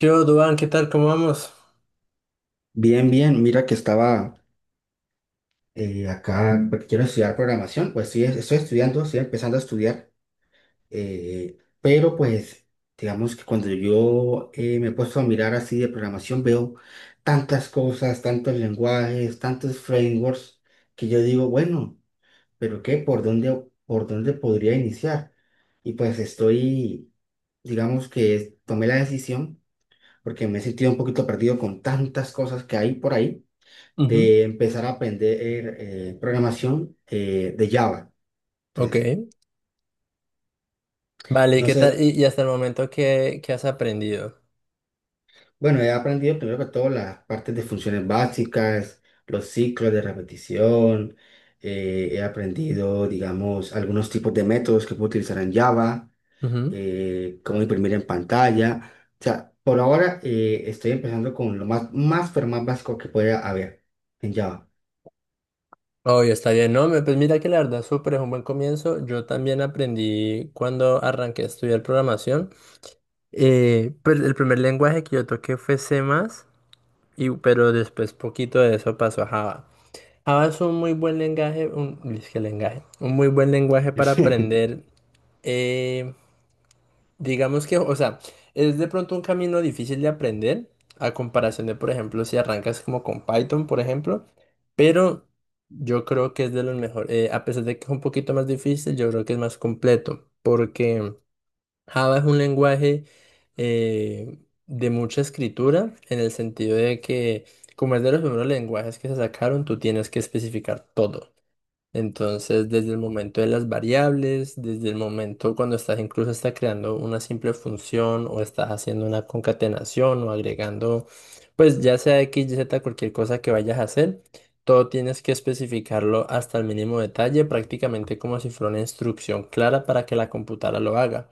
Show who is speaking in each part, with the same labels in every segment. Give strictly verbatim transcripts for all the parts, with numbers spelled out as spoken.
Speaker 1: Yo, hubo, ¿Duván? ¿Qué tal? ¿Cómo vamos?
Speaker 2: Bien, bien, mira que estaba eh, acá, porque quiero estudiar programación. Pues sí, estoy estudiando, estoy empezando a estudiar, eh, pero pues digamos que cuando yo eh, me he puesto a mirar así de programación, veo tantas cosas, tantos lenguajes, tantos frameworks, que yo digo, bueno, pero ¿qué? ¿Por dónde, por dónde podría iniciar? Y pues estoy, digamos que tomé la decisión, porque me he sentido un poquito perdido con tantas cosas que hay por ahí,
Speaker 1: Ujú.
Speaker 2: de empezar a aprender eh, programación eh, de Java.
Speaker 1: Ok.
Speaker 2: Entonces,
Speaker 1: Vale, ¿y
Speaker 2: no
Speaker 1: qué tal?
Speaker 2: sé,
Speaker 1: ¿Y, y hasta el momento qué, qué has aprendido?
Speaker 2: bueno, he aprendido primero que todo las partes de funciones básicas, los ciclos de repetición, eh, he aprendido, digamos, algunos tipos de métodos que puedo utilizar en Java,
Speaker 1: Ujú.
Speaker 2: eh, cómo imprimir en pantalla. O sea, por ahora eh, estoy empezando con lo más, más, pero más básico que pueda haber en Java.
Speaker 1: Oye, está bien, ¿no? me- Pues mira que la verdad, súper es un buen comienzo. Yo también aprendí cuando arranqué a estudiar programación. Eh, pues el primer lenguaje que yo toqué fue C++, y, pero después poquito de eso pasó a Java. Java es un muy buen lenguaje, un, es que lenguaje, un muy buen lenguaje para aprender. eh, Digamos que, o sea, es de pronto un camino difícil de aprender, a comparación de, por ejemplo, si arrancas como con Python, por ejemplo, pero yo creo que es de los mejores, eh, a pesar de que es un poquito más difícil, yo creo que es más completo, porque Java es un lenguaje eh, de mucha escritura, en el sentido de que, como es de los primeros lenguajes que se sacaron, tú tienes que especificar todo. Entonces, desde el momento de las variables, desde el momento cuando estás incluso está creando una simple función o estás haciendo una concatenación o agregando, pues ya sea X, Y, Z, cualquier cosa que vayas a hacer, todo tienes que especificarlo hasta el mínimo detalle, prácticamente como si fuera una instrucción clara para que la computadora lo haga.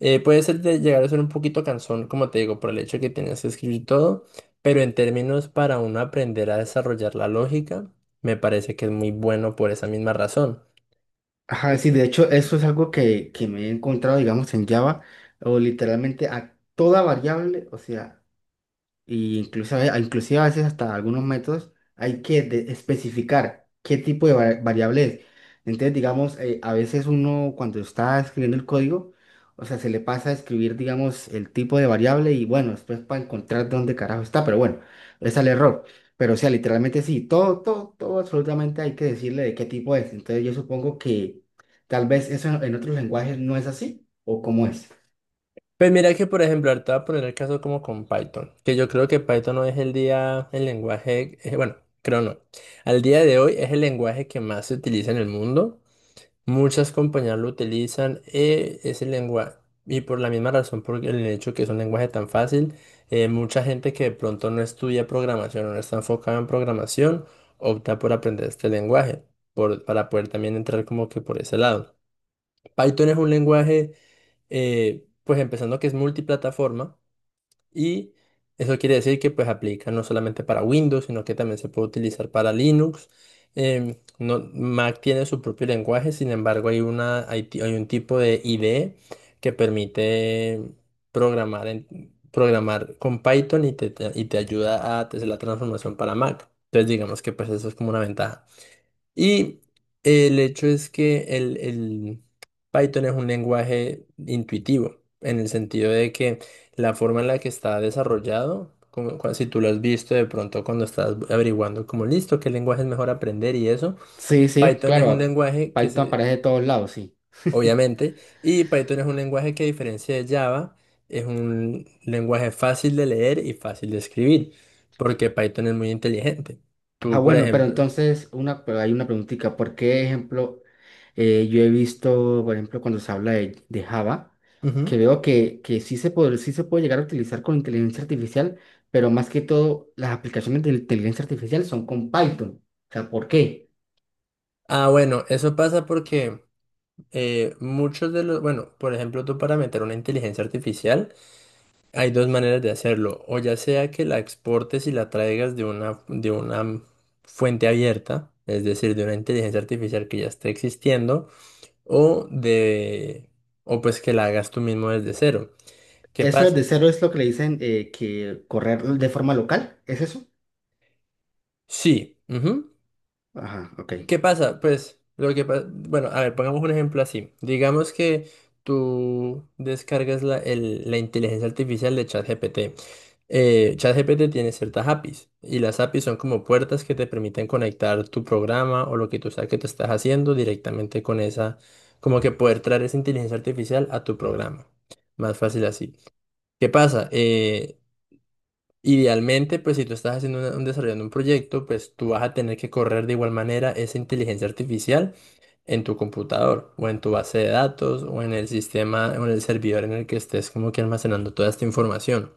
Speaker 1: Eh, puede ser de llegar a ser un poquito cansón, como te digo, por el hecho de que tienes que escribir todo, pero en términos para uno aprender a desarrollar la lógica, me parece que es muy bueno por esa misma razón.
Speaker 2: Ajá, sí, de hecho, eso es algo que, que me he encontrado, digamos, en Java, o literalmente a toda variable, o sea, y incluso, a- inclusive a veces hasta algunos métodos hay que de- especificar qué tipo de va- variable es. Entonces, digamos, eh, a veces uno cuando está escribiendo el código, o sea, se le pasa a escribir, digamos, el tipo de variable y bueno, después para encontrar dónde carajo está, pero bueno, ese es el error. Pero o sea, literalmente sí, todo, todo, todo absolutamente hay que decirle de qué tipo es. Entonces, yo supongo que tal vez eso en en otros lenguajes no es así, o cómo es.
Speaker 1: Pero mira que, por ejemplo, ahorita voy a poner el caso como con Python, que yo creo que Python no es el día, el lenguaje, eh, bueno, creo no. Al día de hoy es el lenguaje que más se utiliza en el mundo. Muchas compañías lo utilizan, eh, ese lenguaje, y por la misma razón, por el hecho que es un lenguaje tan fácil, eh, mucha gente que de pronto no estudia programación o no está enfocada en programación, opta por aprender este lenguaje, por- para poder también entrar como que por ese lado. Python es un lenguaje, eh, pues empezando que es multiplataforma. Y eso quiere decir que pues aplica no solamente para Windows, sino que también se puede utilizar para Linux. Em, no- Mac tiene su propio lenguaje, sin embargo hay una, hay, ti- hay un tipo de I D E que permite programar, en- programar con Python y te, te- y te ayuda a hacer la transformación para Mac. Entonces digamos que pues eso es como una ventaja. Y el hecho es que el, el Python es un lenguaje intuitivo, en el sentido de que la forma en la que está desarrollado, como, cua- si tú lo has visto de pronto cuando estás averiguando como listo, qué lenguaje es mejor aprender y eso,
Speaker 2: Sí, sí,
Speaker 1: Python es un
Speaker 2: claro,
Speaker 1: lenguaje que
Speaker 2: Python
Speaker 1: se,
Speaker 2: aparece de todos lados, sí.
Speaker 1: obviamente, y Python es un lenguaje que a diferencia de Java, es un lenguaje fácil de leer y fácil de escribir, porque Python es muy inteligente.
Speaker 2: Ah,
Speaker 1: Tú, por
Speaker 2: bueno, pero
Speaker 1: ejemplo.
Speaker 2: entonces una, pero hay una preguntita. ¿Por qué, ejemplo, eh, yo he visto, por ejemplo, cuando se habla de, de Java, que veo que, que sí se puede, sí se puede llegar a utilizar con inteligencia artificial, pero más que todo, las aplicaciones de inteligencia artificial son con Python. O sea, ¿por qué?
Speaker 1: Ah, bueno, eso pasa porque eh, muchos de los, bueno, por ejemplo, tú para meter una inteligencia artificial, hay dos maneras de hacerlo, o ya sea que la exportes y la traigas de una, de una fuente abierta, es decir, de una inteligencia artificial que ya esté existiendo, o de, o pues que la hagas tú mismo desde cero. ¿Qué
Speaker 2: Eso
Speaker 1: pasa?
Speaker 2: de cero es lo que le dicen, eh, que correr de forma local, ¿es eso?
Speaker 1: Sí, ujú.
Speaker 2: Ajá, ok.
Speaker 1: ¿Qué pasa? Pues, lo que pa- bueno, a ver, pongamos un ejemplo así. Digamos que tú descargas la, el- la inteligencia artificial de ChatGPT. Eh, ChatGPT tiene ciertas A P Is y las A P Is son como puertas que te permiten conectar tu programa o lo que tú sabes que te estás haciendo directamente con esa, como que poder traer esa inteligencia artificial a tu programa. Más fácil así. ¿Qué pasa? Eh, Idealmente, pues si tú estás haciendo una- un, desarrollando un proyecto, pues tú vas a tener que correr de igual manera esa inteligencia artificial en tu computador o en tu base de datos o en el sistema o en el servidor en el que estés como que almacenando toda esta información.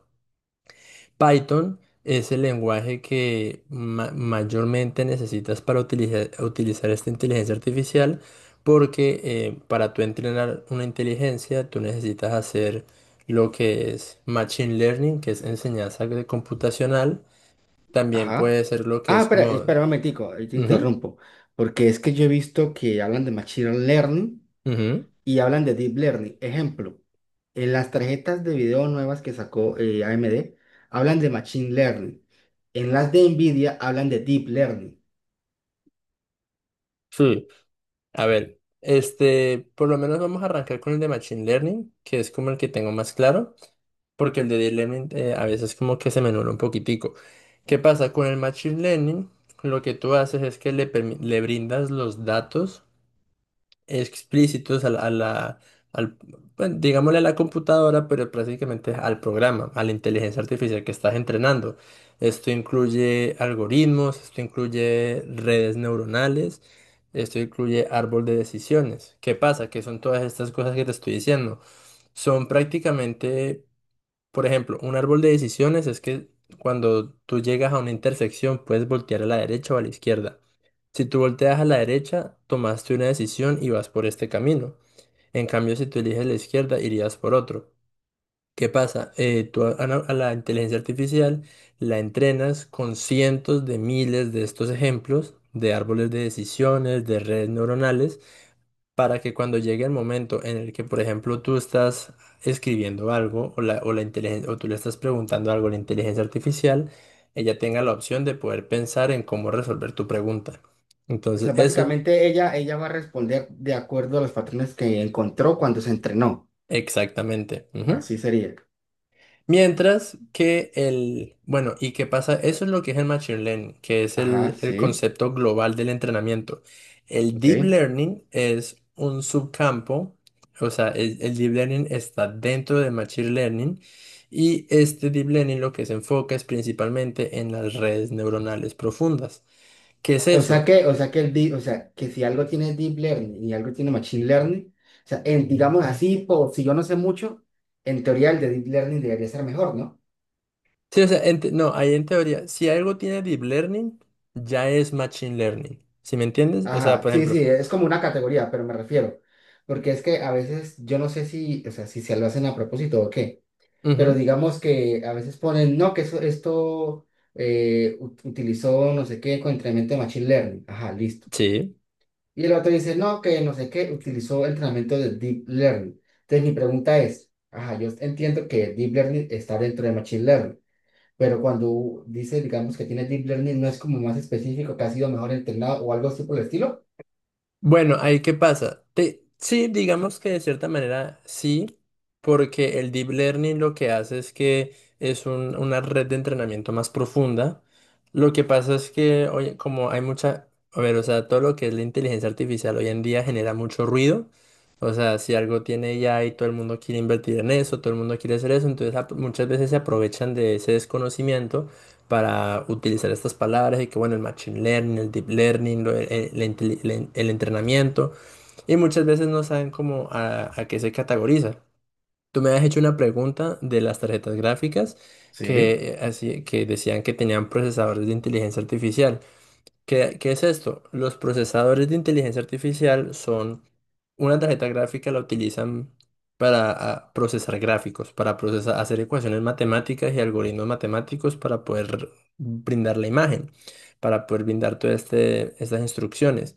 Speaker 1: Python es el lenguaje que ma- mayormente necesitas para utilizar, utilizar esta inteligencia artificial porque eh, para tú entrenar una inteligencia tú necesitas hacer lo que es machine learning, que es enseñanza de computacional también
Speaker 2: Ajá.
Speaker 1: puede ser lo que
Speaker 2: Ah,
Speaker 1: es
Speaker 2: espera,
Speaker 1: como...
Speaker 2: espera un momentico, ahí te
Speaker 1: Ujú,
Speaker 2: interrumpo, porque es que yo he visto que hablan de Machine Learning
Speaker 1: ujú.
Speaker 2: y hablan de Deep Learning. Ejemplo, en las tarjetas de video nuevas que sacó eh, A M D hablan de Machine Learning. En las de Nvidia hablan de Deep Learning.
Speaker 1: Sí. A ver, este, por lo menos vamos a arrancar con el de Machine Learning, que es como el que tengo más claro, porque el de Deep Learning eh, a veces como que se me nubla un poquitico. ¿Qué pasa? Con el Machine Learning, lo que tú haces es que le, permi- le brindas los datos explícitos a la, a la- al, bueno, digámosle a la computadora, pero prácticamente al programa, a la inteligencia artificial que estás entrenando. Esto incluye algoritmos, esto incluye redes neuronales, esto incluye árbol de decisiones. ¿Qué pasa? Que son todas estas cosas que te estoy diciendo. Son prácticamente, por ejemplo, un árbol de decisiones es que cuando tú llegas a una intersección puedes voltear a la derecha o a la izquierda. Si tú volteas a la derecha, tomaste una decisión y vas por este camino. En cambio, si tú eliges la izquierda, irías por otro. ¿Qué pasa? Eh, tú a, a la a la inteligencia artificial la entrenas con cientos de miles de estos ejemplos de árboles de decisiones, de redes neuronales, para que cuando llegue el momento en el que, por ejemplo, tú estás escribiendo algo o, la, o, la inteligen- o tú le estás preguntando algo a la inteligencia artificial, ella tenga la opción de poder pensar en cómo resolver tu pregunta.
Speaker 2: O
Speaker 1: Entonces,
Speaker 2: sea,
Speaker 1: eso.
Speaker 2: básicamente ella, ella va a responder de acuerdo a los patrones que encontró cuando se entrenó.
Speaker 1: Exactamente, ujú.
Speaker 2: Así sería.
Speaker 1: Mientras que el, bueno, ¿y qué pasa? Eso es lo que es el Machine Learning, que es
Speaker 2: Ajá,
Speaker 1: el, el
Speaker 2: sí,
Speaker 1: concepto global del entrenamiento. El Deep
Speaker 2: ok.
Speaker 1: Learning es un subcampo, o sea, el, el Deep Learning está dentro de Machine Learning y este Deep Learning lo que se enfoca es principalmente en las redes neuronales profundas. ¿Qué es
Speaker 2: O sea
Speaker 1: eso?
Speaker 2: que, o sea que el deep- o sea, que si algo tiene deep learning y algo tiene machine learning, o sea, en- digamos así, por si yo no sé mucho, en teoría el de deep learning debería ser mejor, ¿no?
Speaker 1: Sí, o sea, en te- no, ahí en teoría, si algo tiene Deep Learning, ya es Machine Learning. ¿Sí me entiendes? O sea,
Speaker 2: Ajá,
Speaker 1: por
Speaker 2: sí,
Speaker 1: ejemplo,
Speaker 2: sí, es como una categoría, pero me refiero, porque es que a veces yo no sé si, o sea, si se lo hacen a propósito o qué, pero
Speaker 1: ujú,
Speaker 2: digamos que a veces ponen, no, que eso, esto eh, ut- utilizó no sé qué con entrenamiento de Machine Learning, ajá, listo.
Speaker 1: sí.
Speaker 2: Y el otro dice, no, que no sé qué, utilizó entrenamiento de Deep Learning. Entonces mi pregunta es, ajá, yo entiendo que Deep Learning está dentro de Machine Learning, pero cuando dice, digamos, que tiene Deep Learning, ¿no es como más específico, que ha sido mejor entrenado o algo así por el estilo?
Speaker 1: Bueno, ahí qué pasa. Te- sí, digamos que de cierta manera sí, porque el deep learning lo que hace es que es un- una red de entrenamiento más profunda. Lo que pasa es que, oye, como hay mucha, a ver, o sea, todo lo que es la inteligencia artificial hoy en día genera mucho ruido. O sea, si algo tiene ya y todo el mundo quiere invertir en eso, todo el mundo quiere hacer eso, entonces ap- muchas veces se aprovechan de ese desconocimiento para utilizar estas palabras y que bueno, el machine learning, el deep learning, lo- el, el intel- el en- el entrenamiento y muchas veces no saben cómo a, a qué se categoriza. Tú me has hecho una pregunta de las tarjetas gráficas
Speaker 2: Sí.
Speaker 1: que, eh, así, que decían que tenían procesadores de inteligencia artificial. ¿Qué, qué es esto? Los procesadores de inteligencia artificial son una tarjeta gráfica, la utilizan para ah, procesar gráficos, para procesar, hacer ecuaciones matemáticas y algoritmos matemáticos para poder brindar la imagen, para poder brindar todas este, estas instrucciones.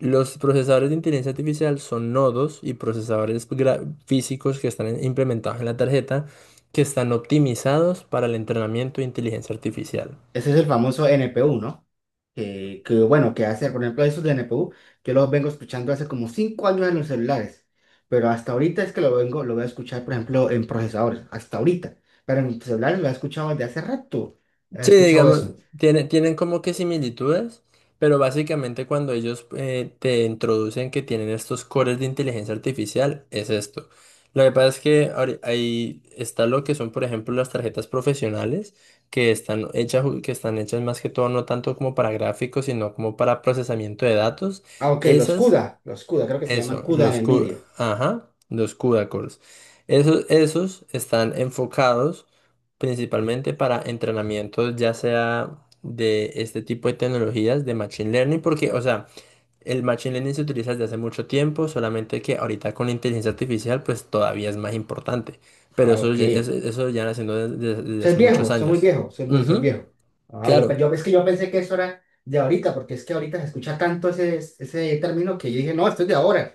Speaker 1: Los procesadores de inteligencia artificial son nodos y procesadores gra- físicos que están en- implementados en la tarjeta que están optimizados para el entrenamiento de inteligencia artificial.
Speaker 2: Ese es el famoso N P U, ¿no? Que, que, bueno, que hace, por ejemplo, esos de N P U, yo los vengo escuchando hace como cinco años en los celulares, pero hasta ahorita es que lo vengo, lo voy a escuchar, por ejemplo, en procesadores, hasta ahorita, pero en celulares lo he escuchado desde hace rato, he
Speaker 1: Sí,
Speaker 2: escuchado
Speaker 1: digamos,
Speaker 2: eso.
Speaker 1: tiene, tienen como que similitudes, pero básicamente cuando ellos eh, te introducen que tienen estos cores de inteligencia artificial, es esto. Lo que pasa es que ahori- ahí está lo que son, por ejemplo, las tarjetas profesionales, que están hechas, ju- que están hechas más que todo no tanto como para gráficos, sino como para procesamiento de datos.
Speaker 2: Ah, ok, los
Speaker 1: Esas
Speaker 2: CUDA, los CUDA, creo que se llaman
Speaker 1: eso,
Speaker 2: CUDA
Speaker 1: los
Speaker 2: en
Speaker 1: cu-
Speaker 2: NVIDIA.
Speaker 1: ajá, los CUDACORS. Esos, esos están enfocados principalmente para entrenamientos ya sea de este tipo de tecnologías de Machine Learning, porque, o sea, el Machine Learning se utiliza desde hace mucho tiempo, solamente que ahorita con la inteligencia artificial, pues todavía es más importante, pero
Speaker 2: Ah,
Speaker 1: eso,
Speaker 2: ok.
Speaker 1: ya- eso, eso ya naciendo desde, desde
Speaker 2: Soy
Speaker 1: hace muchos
Speaker 2: viejo, soy muy
Speaker 1: años.
Speaker 2: viejo, soy muy, soy
Speaker 1: Ujú,
Speaker 2: viejo. Ah, yo, pe-
Speaker 1: claro.
Speaker 2: yo, es que yo pensé que eso era de ahorita, porque es que ahorita se escucha tanto ese, ese término que yo dije, no, esto es de ahora.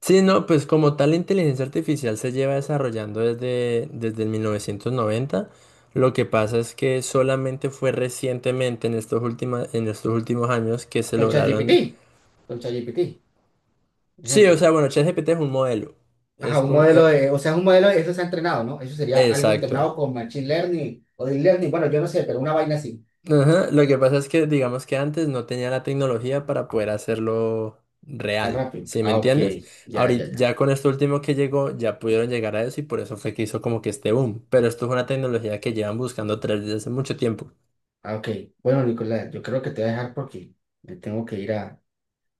Speaker 1: Sí, no, pues como tal la inteligencia artificial se lleva desarrollando desde, desde el mil novecientos noventa. Lo que pasa es que solamente fue recientemente en estos últimos, en estos últimos años que se
Speaker 2: Con ChatGPT.
Speaker 1: lograron...
Speaker 2: Con ChatGPT.
Speaker 1: Sí, o
Speaker 2: Ejemplo.
Speaker 1: sea, bueno, ChatGPT es un modelo.
Speaker 2: Ajá,
Speaker 1: Es
Speaker 2: un
Speaker 1: como... eh,
Speaker 2: modelo de, o sea, es un modelo, eso se ha entrenado, ¿no? Eso sería algo
Speaker 1: exacto.
Speaker 2: entrenado con Machine Learning o Deep Learning. Bueno, yo no sé, pero una vaina así,
Speaker 1: Ajá, lo que pasa es que digamos que antes no tenía la tecnología para poder hacerlo
Speaker 2: tan
Speaker 1: real,
Speaker 2: rápido.
Speaker 1: ¿sí me
Speaker 2: Ah, ok.
Speaker 1: entiendes?
Speaker 2: Ya, ya,
Speaker 1: Ahorita
Speaker 2: ya.
Speaker 1: ya con esto último que llegó ya pudieron llegar a eso y por eso fue que hizo como que este boom, pero esto es una tecnología que llevan buscando tres desde hace mucho tiempo.
Speaker 2: Ah, ok. Bueno, Nicolás, yo creo que te voy a dejar porque me tengo que ir a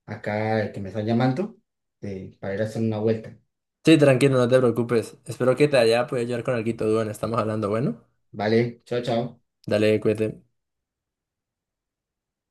Speaker 2: acá, que me están llamando, eh, para ir a hacer una vuelta.
Speaker 1: Sí, tranquilo, no te preocupes. Espero que te haya podido ayudar con algo, Duan, estamos hablando, bueno.
Speaker 2: Vale, chao, chao.
Speaker 1: Dale, cuídate.